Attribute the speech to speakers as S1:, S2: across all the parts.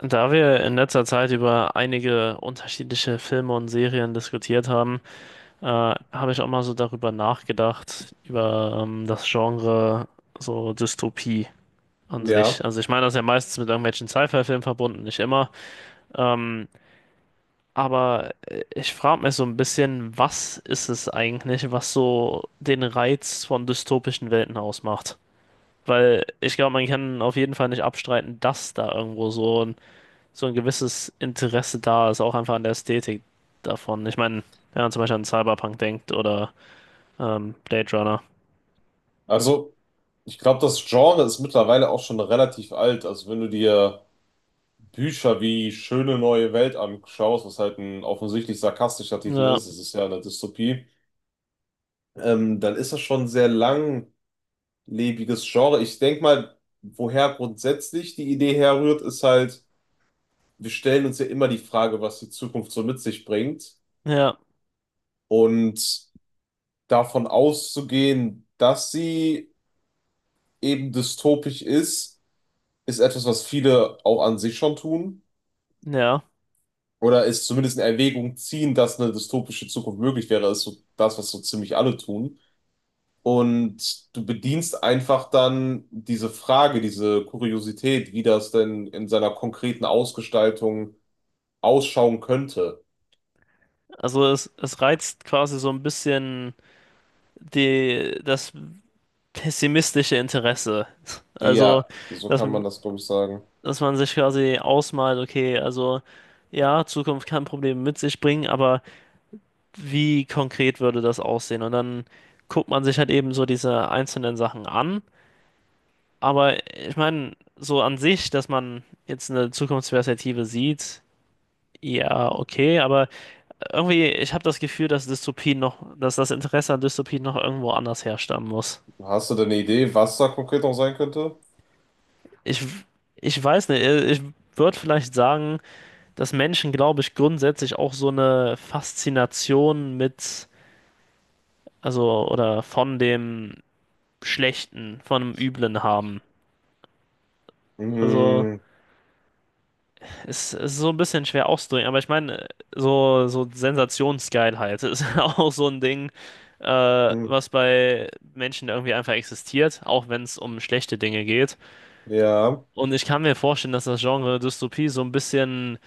S1: Da wir in letzter Zeit über einige unterschiedliche Filme und Serien diskutiert haben, habe ich auch mal so darüber nachgedacht, über das Genre so Dystopie an sich.
S2: Ja,
S1: Also ich meine, das ist ja meistens mit irgendwelchen Sci-Fi-Filmen verbunden, nicht immer. Ähm, Ich frage mich so ein bisschen, was ist es eigentlich, was so den Reiz von dystopischen Welten ausmacht? Weil ich glaube, man kann auf jeden Fall nicht abstreiten, dass da irgendwo so ein gewisses Interesse da ist, auch einfach an der Ästhetik davon. Ich meine, wenn man zum Beispiel an Cyberpunk denkt oder Blade Runner.
S2: also ich glaube, das Genre ist mittlerweile auch schon relativ alt. Also wenn du dir Bücher wie Schöne neue Welt anschaust, was halt ein offensichtlich sarkastischer Titel
S1: Ja,
S2: ist, es ist ja eine Dystopie, dann ist das schon ein sehr langlebiges Genre. Ich denke mal, woher grundsätzlich die Idee herrührt, ist halt, wir stellen uns ja immer die Frage, was die Zukunft so mit sich bringt.
S1: ja,
S2: Und davon auszugehen, dass sie eben dystopisch ist, ist etwas, was viele auch an sich schon tun.
S1: ja.
S2: Oder ist zumindest in Erwägung ziehen, dass eine dystopische Zukunft möglich wäre, ist so das, was so ziemlich alle tun. Und du bedienst einfach dann diese Frage, diese Kuriosität, wie das denn in seiner konkreten Ausgestaltung ausschauen könnte.
S1: Also es reizt quasi so ein bisschen das pessimistische Interesse. Also,
S2: Ja, so
S1: dass,
S2: kann man
S1: m-
S2: das, glaube ich, sagen.
S1: dass man sich quasi ausmalt, okay, also ja, Zukunft kann Probleme mit sich bringen, aber wie konkret würde das aussehen? Und dann guckt man sich halt eben so diese einzelnen Sachen an. Aber ich meine, so an sich, dass man jetzt eine Zukunftsperspektive sieht, ja, okay, aber irgendwie, ich habe das Gefühl, dass das Interesse an Dystopien noch irgendwo anders herstammen muss.
S2: Hast du denn eine Idee, was da konkret noch sein könnte?
S1: Ich, ich weiß nicht, ich würde vielleicht sagen, dass Menschen, glaube ich, grundsätzlich auch so eine Faszination mit, also, oder von dem Schlechten, von dem Üblen haben. Also,
S2: Hm,
S1: Ist so ein bisschen schwer auszudrücken, aber ich meine, so Sensationsgeilheit ist auch so ein Ding,
S2: hm,
S1: was bei Menschen irgendwie einfach existiert, auch wenn es um schlechte Dinge geht.
S2: ja.
S1: Und ich kann mir vorstellen, dass das Genre Dystopie so ein bisschen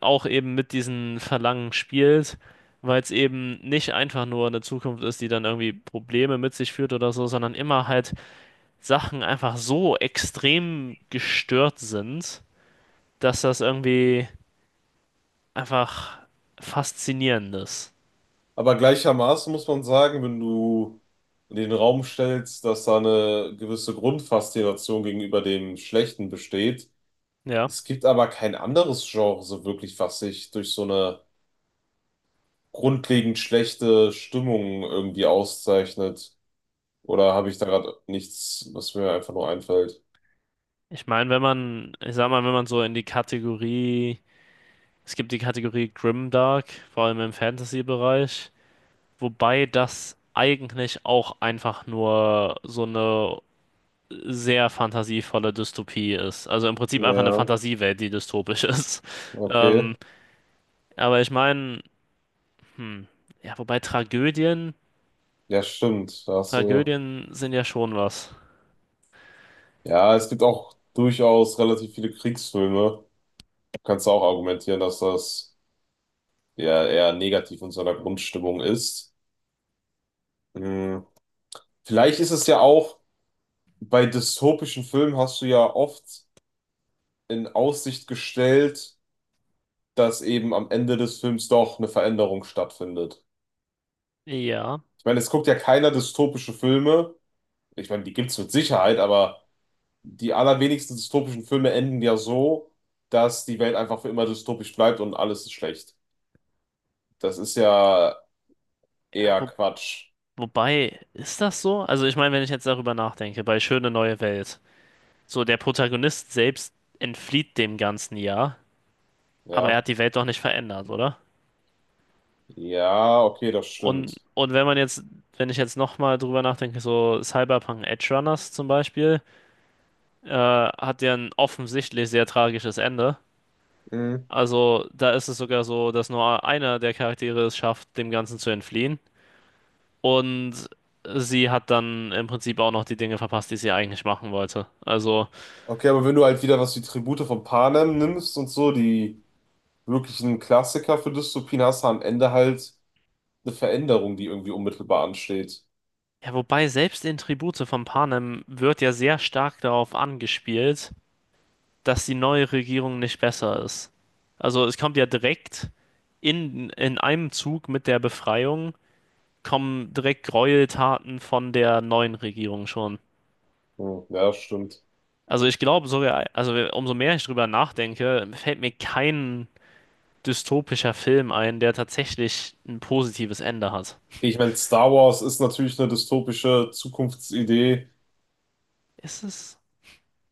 S1: auch eben mit diesen Verlangen spielt, weil es eben nicht einfach nur eine Zukunft ist, die dann irgendwie Probleme mit sich führt oder so, sondern immer halt Sachen einfach so extrem gestört sind, dass das irgendwie einfach Faszinierendes.
S2: Aber gleichermaßen muss man sagen, wenn du in den Raum stellst, dass da eine gewisse Grundfaszination gegenüber dem Schlechten besteht.
S1: Ja.
S2: Es gibt aber kein anderes Genre so wirklich, was sich durch so eine grundlegend schlechte Stimmung irgendwie auszeichnet. Oder habe ich da gerade nichts, was mir einfach nur einfällt?
S1: Ich meine, wenn man, ich sag mal, wenn man so in die Kategorie, es gibt die Kategorie Grimdark, vor allem im Fantasy-Bereich, wobei das eigentlich auch einfach nur so eine sehr fantasievolle Dystopie ist. Also im Prinzip einfach eine
S2: Ja,
S1: Fantasiewelt, die dystopisch ist.
S2: okay.
S1: Ähm, Ich meine, hm, ja, wobei Tragödien,
S2: Ja, stimmt. Da hast du...
S1: Tragödien sind ja schon was.
S2: Ja, es gibt auch durchaus relativ viele Kriegsfilme. Kannst du auch argumentieren, dass das der eher negativ in so einer Grundstimmung ist. Hm. Vielleicht ist es ja auch, bei dystopischen Filmen hast du ja oft in Aussicht gestellt, dass eben am Ende des Films doch eine Veränderung stattfindet.
S1: Ja.
S2: Ich meine, es guckt ja keiner dystopische Filme. Ich meine, die gibt es mit Sicherheit, aber die allerwenigsten dystopischen Filme enden ja so, dass die Welt einfach für immer dystopisch bleibt und alles ist schlecht. Das ist ja
S1: Ja,
S2: eher
S1: wo,
S2: Quatsch.
S1: Wobei, ist das so? Also ich meine, wenn ich jetzt darüber nachdenke, bei Schöne neue Welt, so der Protagonist selbst entflieht dem Ganzen ja, aber er
S2: Ja.
S1: hat die Welt doch nicht verändert, oder?
S2: Ja, okay, das
S1: Und,
S2: stimmt.
S1: und wenn man jetzt, wenn ich jetzt nochmal drüber nachdenke, so Cyberpunk Edge Runners zum Beispiel, hat ja ein offensichtlich sehr tragisches Ende.
S2: Mm.
S1: Also da ist es sogar so, dass nur einer der Charaktere es schafft, dem Ganzen zu entfliehen. Und sie hat dann im Prinzip auch noch die Dinge verpasst, die sie eigentlich machen wollte. Also.
S2: Okay, aber wenn du halt wieder was wie Tribute von Panem nimmst und so, die wirklichen Klassiker für Dystopien, hast du am Ende halt eine Veränderung, die irgendwie unmittelbar ansteht.
S1: Ja, wobei selbst in Tribute von Panem wird ja sehr stark darauf angespielt, dass die neue Regierung nicht besser ist. Also es kommt ja direkt in einem Zug mit der Befreiung, kommen direkt Gräueltaten von der neuen Regierung schon.
S2: Hm, ja, stimmt.
S1: Also ich glaube sogar, also umso mehr ich drüber nachdenke, fällt mir kein dystopischer Film ein, der tatsächlich ein positives Ende hat.
S2: Ich meine, Star Wars ist natürlich eine dystopische Zukunftsidee.
S1: Ist es?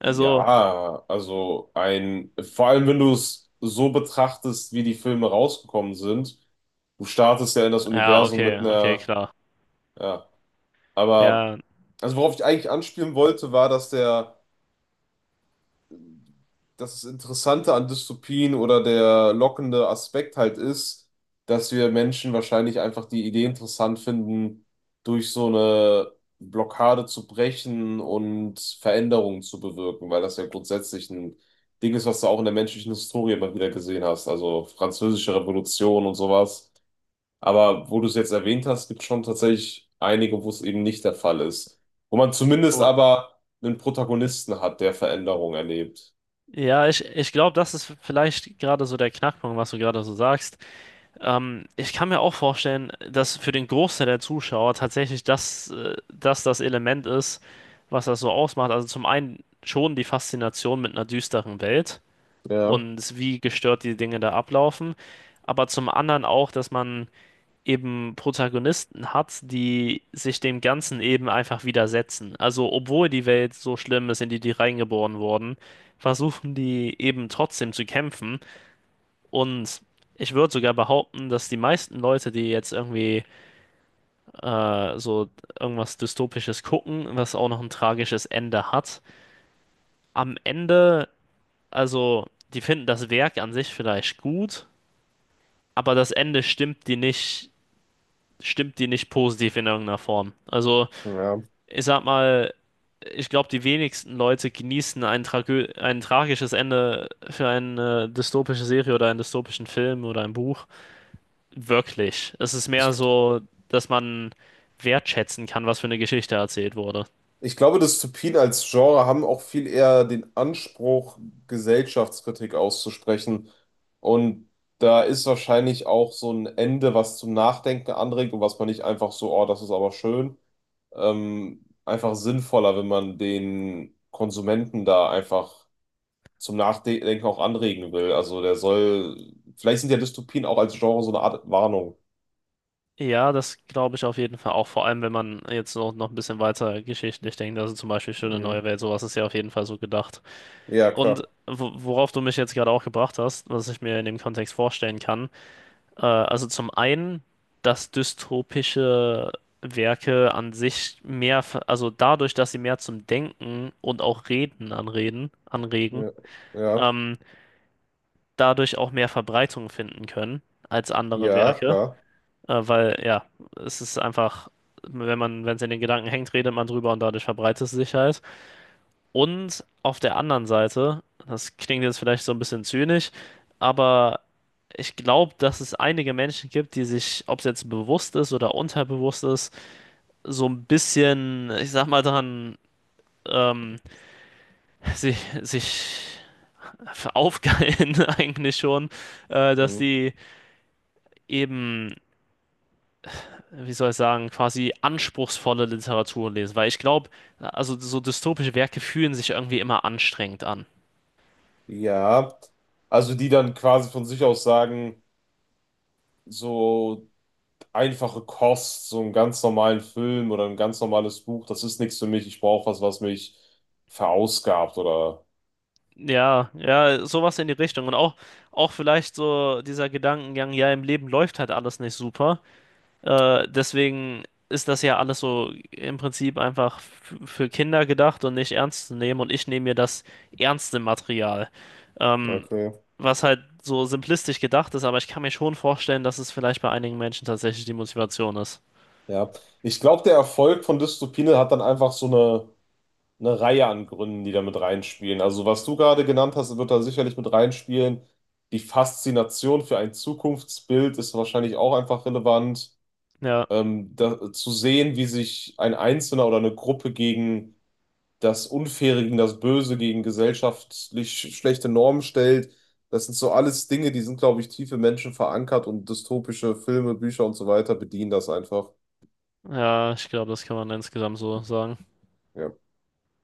S1: Also,
S2: Ja, also ein, vor allem wenn du es so betrachtest, wie die Filme rausgekommen sind, du startest ja in das
S1: ja,
S2: Universum
S1: okay,
S2: mit
S1: okay,
S2: einer,
S1: klar.
S2: ja, aber,
S1: Ja,
S2: also worauf ich eigentlich anspielen wollte, war, dass der das Interessante an Dystopien oder der lockende Aspekt halt ist, dass wir Menschen wahrscheinlich einfach die Idee interessant finden, durch so eine Blockade zu brechen und Veränderungen zu bewirken, weil das ja grundsätzlich ein Ding ist, was du auch in der menschlichen Historie immer wieder gesehen hast, also Französische Revolution und sowas. Aber wo du es jetzt erwähnt hast, gibt es schon tatsächlich einige, wo es eben nicht der Fall ist. Wo man zumindest
S1: oh.
S2: aber einen Protagonisten hat, der Veränderungen erlebt.
S1: Ja, ich glaube, das ist vielleicht gerade so der Knackpunkt, was du gerade so sagst. Ich kann mir auch vorstellen, dass für den Großteil der Zuschauer tatsächlich das das Element ist, was das so ausmacht. Also zum einen schon die Faszination mit einer düsteren Welt
S2: Ja.
S1: und wie gestört die Dinge da ablaufen, aber zum anderen auch, dass man eben Protagonisten hat, die sich dem Ganzen eben einfach widersetzen. Also, obwohl die Welt so schlimm ist, in die die reingeboren wurden, versuchen die eben trotzdem zu kämpfen. Und ich würde sogar behaupten, dass die meisten Leute, die jetzt irgendwie äh, so irgendwas Dystopisches gucken, was auch noch ein tragisches Ende hat, am Ende, also, die finden das Werk an sich vielleicht gut, aber das Ende stimmt die nicht positiv in irgendeiner Form. Also,
S2: Ja.
S1: ich sag mal, ich glaube, die wenigsten Leute genießen ein tragisches Ende für eine dystopische Serie oder einen dystopischen Film oder ein Buch. Wirklich. Es ist
S2: Ich,
S1: mehr so, dass man wertschätzen kann, was für eine Geschichte erzählt wurde.
S2: ich glaube, Dystopien als Genre haben auch viel eher den Anspruch, Gesellschaftskritik auszusprechen. Und da ist wahrscheinlich auch so ein Ende, was zum Nachdenken anregt und was man nicht einfach so, oh, das ist aber schön, einfach sinnvoller, wenn man den Konsumenten da einfach zum Nachdenken auch anregen will. Also der soll, vielleicht sind ja Dystopien auch als Genre so eine Art Warnung.
S1: Ja, das glaube ich auf jeden Fall auch. Vor allem, wenn man jetzt noch ein bisschen weiter geschichtlich denkt. Also zum Beispiel Schöne Neue
S2: Mhm.
S1: Welt, sowas ist ja auf jeden Fall so gedacht.
S2: Ja, klar.
S1: Und worauf du mich jetzt gerade auch gebracht hast, was ich mir in dem Kontext vorstellen kann, also zum einen, dass dystopische Werke an sich also dadurch, dass sie mehr zum Denken und auch Reden anregen,
S2: Ja, ja,
S1: ähm, dadurch auch mehr Verbreitung finden können als andere
S2: ja,
S1: Werke,
S2: klar.
S1: weil ja, es ist einfach, wenn man, wenn es in den Gedanken hängt, redet man drüber und dadurch verbreitet es sich halt. Und auf der anderen Seite, das klingt jetzt vielleicht so ein bisschen zynisch, aber ich glaube, dass es einige Menschen gibt, die sich, ob es jetzt bewusst ist oder unterbewusst ist, so ein bisschen, ich sag mal, daran ähm, sich, sich aufgeilen eigentlich schon, dass
S2: Mhm.
S1: die eben, wie soll ich sagen, quasi anspruchsvolle Literatur lesen. Weil ich glaube, also so dystopische Werke fühlen sich irgendwie immer anstrengend an.
S2: Ja, also die dann quasi von sich aus sagen, so einfache Kost, so einen ganz normalen Film oder ein ganz normales Buch, das ist nichts für mich. Ich brauche was, was mich verausgabt oder.
S1: Ja, ja, sowas in die Richtung. Auch vielleicht so dieser Gedankengang, ja, im Leben läuft halt alles nicht super. Deswegen ist das ja alles so im Prinzip einfach für Kinder gedacht und nicht ernst zu nehmen. Und ich nehme mir das ernste Material. Ähm,
S2: Okay,
S1: Was halt so simplistisch gedacht ist, aber ich kann mir schon vorstellen, dass es vielleicht bei einigen Menschen tatsächlich die Motivation ist.
S2: ja. Ich glaube, der Erfolg von Dystopine hat dann einfach so eine Reihe an Gründen, die da mit reinspielen. Also, was du gerade genannt hast, wird da sicherlich mit reinspielen. Die Faszination für ein Zukunftsbild ist wahrscheinlich auch einfach relevant.
S1: Ja,
S2: Da, zu sehen, wie sich ein Einzelner oder eine Gruppe gegen das Unfaire, gegen das Böse, gegen gesellschaftlich schlechte Normen stellt. Das sind so alles Dinge, die sind, glaube ich, tief im Menschen verankert und dystopische Filme, Bücher und so weiter bedienen das einfach.
S1: ja, ich glaube, das kann man insgesamt so sagen.
S2: Ja.